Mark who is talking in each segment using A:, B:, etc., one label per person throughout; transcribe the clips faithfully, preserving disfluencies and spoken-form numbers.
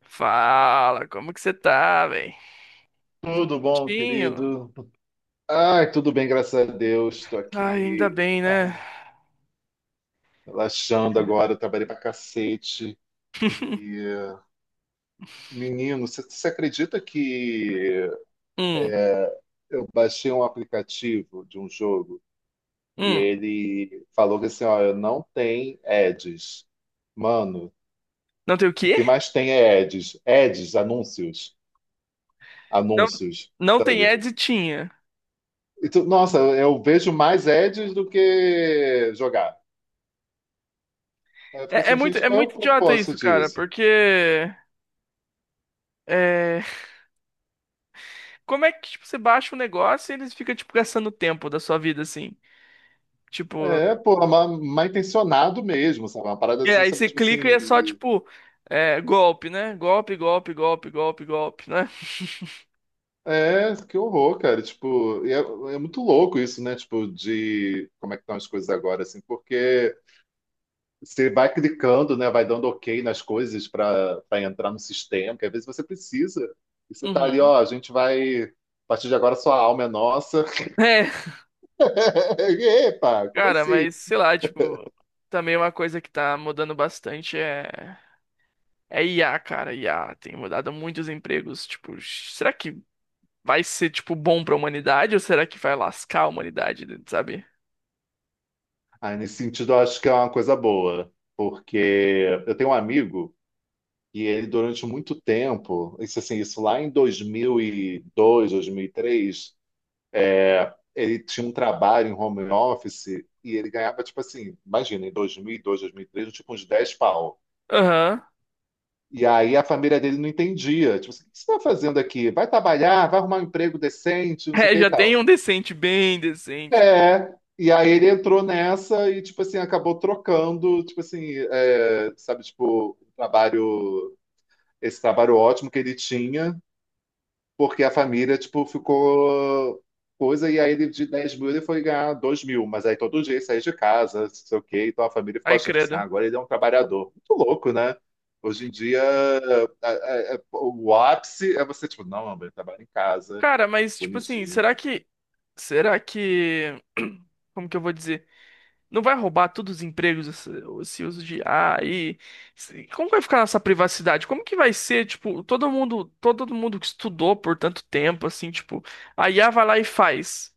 A: Fala, como que você tá, velho?
B: Tudo bom,
A: Tinho.
B: querido? Ai, tudo bem, graças a Deus. Estou
A: Ai, ainda
B: aqui,
A: bem, né?
B: ai, relaxando agora. Trabalhei pra cacete. E, eh, menino, você acredita que
A: Hum,
B: eu baixei um aplicativo de um jogo e
A: hum.
B: ele falou que assim, ó, não tem ads. Mano,
A: Não tem o
B: o
A: quê?
B: que mais tem é ads. Ads, anúncios.
A: Não,
B: Anúncios,
A: não tem
B: sabe?
A: editinha.
B: E tu- nossa, eu vejo mais ads do que jogar. Aí eu fico
A: É, é
B: assim,
A: muito,
B: gente,
A: é
B: qual é o
A: muito idiota
B: propósito
A: isso, cara,
B: disso?
A: porque é, como é que tipo, você baixa um negócio e eles ficam tipo gastando tempo da sua vida assim? Tipo,
B: É, pô, mal, mal intencionado mesmo, sabe? É uma parada
A: é,
B: assim,
A: aí
B: sabe?
A: você
B: Tipo
A: clica e é só
B: assim,
A: tipo é, golpe, né? Golpe, golpe, golpe, golpe, golpe, né?
B: é, que horror, cara. Tipo, e é, é muito louco isso, né? Tipo, de como é que estão as coisas agora, assim, porque você vai clicando, né? Vai dando ok nas coisas para para entrar no sistema, que às vezes você precisa. E você tá ali,
A: Uhum.
B: ó, a gente vai, a partir de agora sua alma é nossa.
A: É,
B: Epa, como
A: cara,
B: assim?
A: mas sei lá, tipo, também uma coisa que tá mudando bastante é é I A, cara. I A tem mudado muitos empregos, tipo, será que vai ser tipo bom pra humanidade ou será que vai lascar a humanidade, sabe?
B: Ah, nesse sentido, eu acho que é uma coisa boa, porque eu tenho um amigo. E ele, durante muito tempo, isso, assim, isso lá em dois mil e dois, dois mil e três, ele tinha um trabalho em home office e ele ganhava, tipo assim, imagina, em dois mil e dois, dois mil e três, tipo uns dez pau.
A: Aham.
B: E aí a família dele não entendia. Tipo assim, o que você está fazendo aqui? Vai trabalhar, vai arrumar um emprego decente, não sei o
A: É,
B: que e
A: já tem
B: tal.
A: um decente, bem decente.
B: É. E aí ele entrou nessa e, tipo assim, acabou trocando, tipo assim, é, sabe, tipo, o trabalho, esse trabalho ótimo que ele tinha porque a família, tipo, ficou coisa, e aí ele de dez mil ele foi ganhar dois mil, mas aí todo dia ele saía de casa, não sei o quê, então a família ficou
A: Ai,
B: achando, tipo, assim,
A: credo.
B: ah, agora ele é um trabalhador. Muito louco, né? Hoje em dia, a- a- a- o ápice é você, tipo, não, amor, ele trabalha em casa,
A: Cara, mas tipo assim,
B: bonitinho.
A: será que será que como que eu vou dizer? Não vai roubar todos os empregos esse- esse uso de I A e se- como vai ficar essa privacidade? Como que vai ser, tipo, todo mundo, todo mundo que estudou por tanto tempo, assim, tipo, a I A vai lá e faz.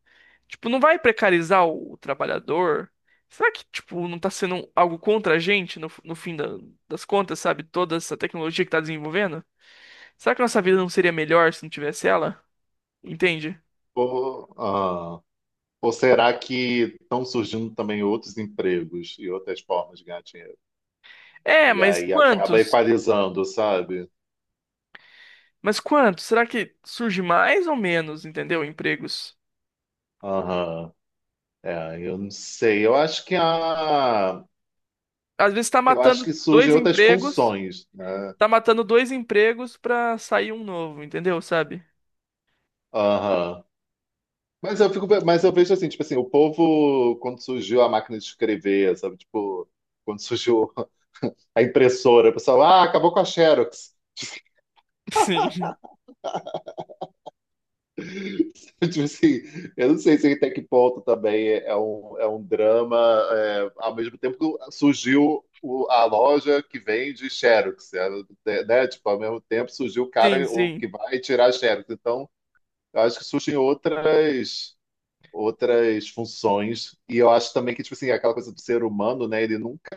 A: Tipo, não vai precarizar o, o trabalhador? Será que, tipo, não tá sendo um, algo contra a gente no, no fim da- das contas, sabe? Toda essa tecnologia que tá desenvolvendo? Será que nossa vida não seria melhor se não tivesse ela? Entende?
B: Ou, ah, ou será que estão surgindo também outros empregos e outras formas de ganhar dinheiro?
A: É,
B: E
A: mas
B: aí acaba
A: quantos?
B: equalizando, sabe?
A: Mas quanto? Será que surge mais ou menos, entendeu? Empregos.
B: Aham. É, eu não sei. Eu acho que a,
A: Às vezes tá
B: Eu acho
A: matando
B: que surgem
A: dois
B: outras
A: empregos,
B: funções, né?
A: tá matando dois empregos pra sair um novo, entendeu? Sabe?
B: Aham. Mas eu fico, mas eu vejo assim, tipo assim, o povo, quando surgiu a máquina de escrever, sabe? Tipo, quando surgiu a impressora, o pessoal, ah, acabou com a Xerox.
A: Sim.
B: Tipo assim, eu não sei se até que ponto também é um, é um drama, é, ao mesmo tempo que surgiu o- a loja que vende Xerox, é, né? Tipo, ao mesmo tempo surgiu o
A: Sim,
B: cara o que
A: sim.
B: vai tirar Xerox. Então, eu acho que surgem outras. outras funções. E eu acho também que, tipo assim, aquela coisa do ser humano, né? Ele nunca,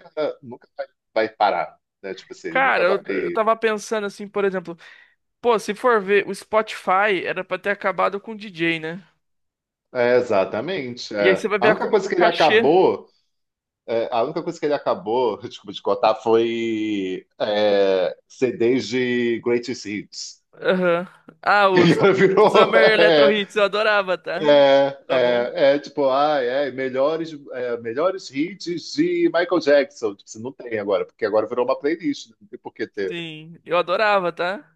B: nunca vai, vai parar, né? Tipo assim, ele
A: Cara,
B: nunca
A: eu, eu
B: vai.
A: tava pensando assim, por exemplo, pô, se for ver, o Spotify era pra ter acabado com o D J, né?
B: É, exatamente.
A: E aí você
B: É.
A: vai
B: A
A: ver a
B: única
A: co-
B: coisa
A: o
B: que ele
A: cachê.
B: acabou, é, a única coisa que ele acabou, desculpa te contar, foi é, C Ds de Greatest Hits.
A: Aham. Ah,
B: Que
A: os
B: agora virou
A: Summer Electro
B: é,
A: Hits, eu adorava, tá?
B: é,
A: Tá bom?
B: é, é, tipo, ah, é, melhores, é, melhores hits de Michael Jackson. Tipo, assim, não tem agora, porque agora virou uma playlist, né, não tem por que ter.
A: Sim, eu adorava, tá?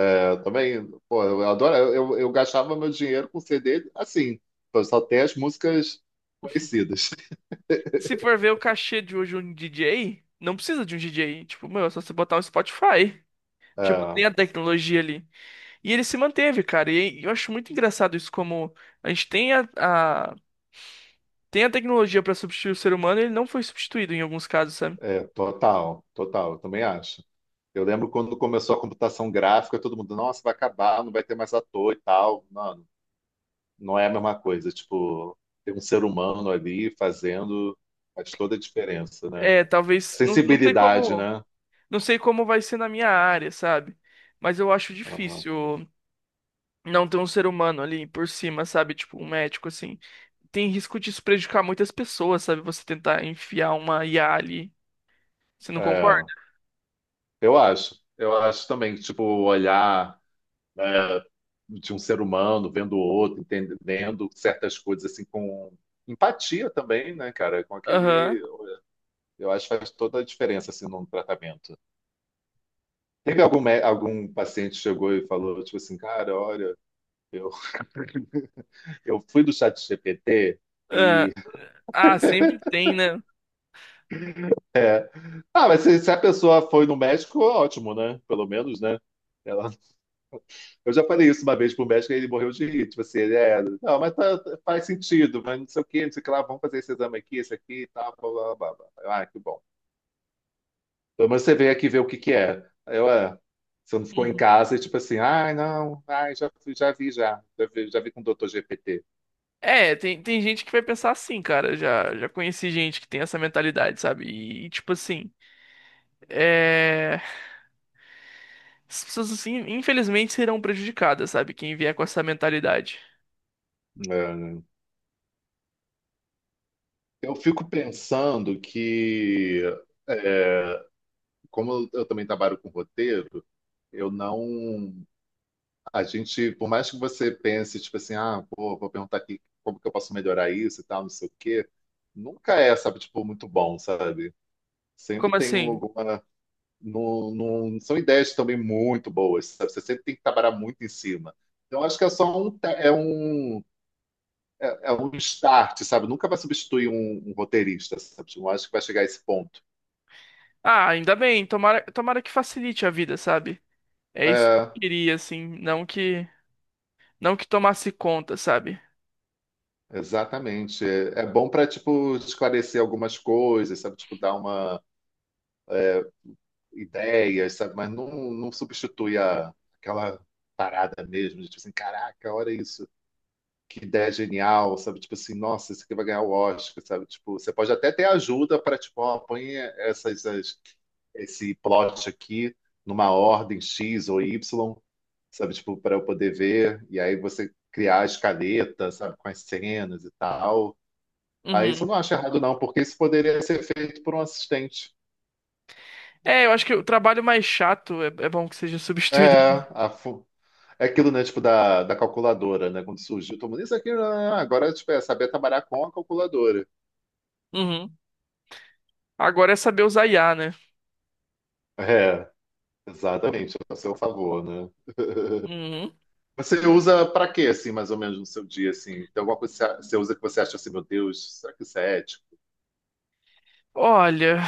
B: É, eu também, pô, eu adoro, eu, eu gastava meu dinheiro com C D assim, eu só ter as músicas conhecidas.
A: E se for ver o cachê de hoje um D J, não precisa de um D J. Tipo, meu, é só você botar um Spotify. Tipo,
B: É,
A: tem a tecnologia ali. E ele se manteve, cara. E eu acho muito engraçado isso, como a gente tem a, a- tem a tecnologia pra substituir o ser humano e ele não foi substituído em alguns casos, sabe?
B: é, total, total, eu também acho. Eu lembro quando começou a computação gráfica, todo mundo, nossa, vai acabar, não vai ter mais ator e tal. Mano, não é a mesma coisa, tipo, ter um ser humano ali fazendo faz toda a diferença, né?
A: É, talvez. Não, não sei
B: Sensibilidade,
A: como.
B: né?
A: Não sei como vai ser na minha área, sabe? Mas eu acho
B: Aham.
A: difícil não ter um ser humano ali por cima, sabe? Tipo, um médico, assim. Tem risco de isso prejudicar muitas pessoas, sabe? Você tentar enfiar uma I A ali. Você não concorda?
B: É, eu acho, eu acho também, tipo, olhar né, de um ser humano vendo o outro, entendendo certas coisas assim com empatia também, né, cara? Com
A: Aham.
B: aquele, eu acho que faz toda a diferença assim num tratamento. Teve algum mé- algum paciente que chegou e falou tipo assim, cara, olha, eu eu fui do chat G P T
A: Ah,
B: e
A: ah, sempre tem, né?
B: ah, mas se, se a pessoa foi no médico, ótimo, né? Pelo menos, né? Ela Eu já falei isso uma vez pro médico e ele morreu de rir. Tipo assim, ele é, não, mas tá- tá- faz sentido, mas não sei o que, não sei o que lá, vamos fazer esse exame aqui, esse aqui e tal, blá, blá, blá, blá. Eu, ah, que bom. Pelo menos você veio aqui ver o que que é. Aí eu, é, você não ficou em
A: Uhum.
B: casa e tipo assim, ai, não, ai, já, fui- já vi, já, já vi, já vi com o doutor G P T.
A: É, tem, tem gente que vai pensar assim, cara. Já, já conheci gente que tem essa mentalidade, sabe? E, tipo assim, é... as pessoas, assim, infelizmente serão prejudicadas, sabe? Quem vier com essa mentalidade.
B: É. Eu fico pensando que, é, como eu também trabalho com roteiro, eu não. A gente, por mais que você pense, tipo assim, ah, pô, vou perguntar aqui como que eu posso melhorar isso e tal, não sei o quê, nunca é, sabe, tipo, muito bom, sabe? Sempre
A: Como
B: tem um-
A: assim?
B: alguma. Não, não, são ideias também muito boas, sabe? Você sempre tem que trabalhar muito em cima. Então, acho que é só um, te- é um, é, é um start, sabe? Nunca vai substituir um, um roteirista, sabe? Não acho que vai chegar a esse ponto.
A: Ah, ainda bem, tomara, tomara que facilite a vida, sabe? É isso que eu
B: É,
A: queria, assim, não que não que tomasse conta, sabe?
B: exatamente. É, é bom para, tipo, esclarecer algumas coisas, sabe? Tipo, dar uma ideias, sabe? Mas não, não substitui a, aquela parada mesmo, de, tipo assim, caraca, olha isso, que ideia genial, sabe? Tipo assim, nossa, isso aqui vai ganhar o Oscar, sabe? Tipo, você pode até ter ajuda para, tipo, ó, põe essas, as- esse plot aqui numa ordem X ou Y, sabe? Tipo, para eu poder ver, e aí você criar a escaleta, sabe? Com as cenas e tal. Aí isso eu
A: Uhum.
B: não acho errado, não, porque isso poderia ser feito por um assistente.
A: É, eu acho que o trabalho mais chato é, é bom que seja substituído.
B: É, a, é aquilo, né, tipo, da, da calculadora, né? Quando surgiu, todo mundo, isso aqui, ah, agora, tipo, é saber trabalhar com a calculadora.
A: Uhum. Agora é saber usar I A, né?
B: É, exatamente, a seu favor, né?
A: Uhum.
B: Você usa pra quê, assim, mais ou menos, no seu dia, assim? Tem alguma coisa que você você usa que você acha assim, meu Deus, será que isso é ético?
A: Olha,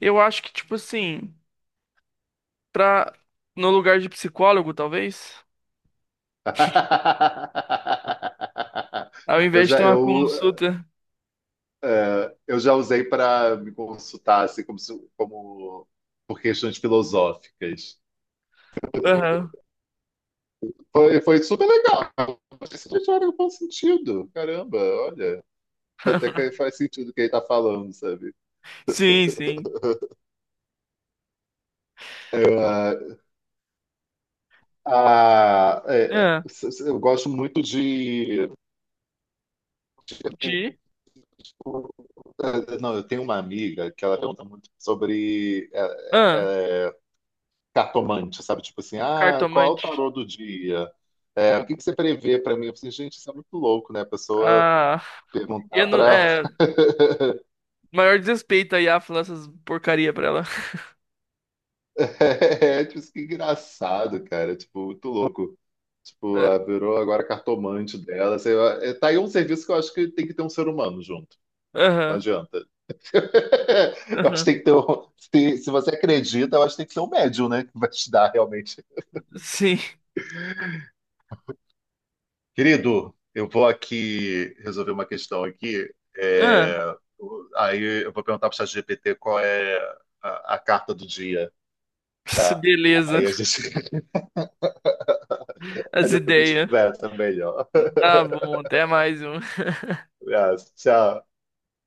A: eu acho que, tipo assim, pra, no lugar de psicólogo, talvez, ao
B: Eu
A: invés de ter
B: já,
A: uma
B: eu,
A: consulta.
B: é, eu já usei para me consultar, assim, como, se- como por questões filosóficas.
A: Aham.
B: Foi, foi super legal. Mas isso já era um bom sentido. Caramba, olha. Até que faz sentido o que ele tá falando, sabe?
A: Sim, sim.
B: Eu, ah, ah, é,
A: Ah,
B: eu gosto muito de.
A: de.
B: Não, eu tenho uma amiga que ela pergunta muito sobre
A: Ah,
B: é, é, é, cartomante, sabe? Tipo assim, ah, qual é o
A: cartomante.
B: tarô do dia? É, o que que você prevê para mim? Eu falei, gente, isso é muito louco, né? A pessoa
A: Ah. E
B: perguntar
A: eu não,
B: para.
A: é, maior desrespeito aí a falar essas porcaria pra ela.
B: É, tipo, que engraçado, cara. Tipo, muito louco. Tipo,
A: É,
B: ah, virou agora cartomante dela. Sei lá. É, tá aí um serviço que eu acho que tem que ter um ser humano junto. Não
A: aham,
B: adianta. Eu acho que
A: aham,
B: tem que ter um... se, se você acredita, eu acho que tem que ser um médium, né? Que vai te dar realmente.
A: sim.
B: Querido, eu vou aqui resolver uma questão aqui. É,
A: Ah,
B: o- aí eu vou perguntar para o ChatGPT qual é a, a carta do dia, tá?
A: beleza,
B: Aí a gente aí
A: as
B: depois a gente
A: ideias.
B: conversa melhor.
A: Tá bom, até mais um.
B: Abraço, tchau.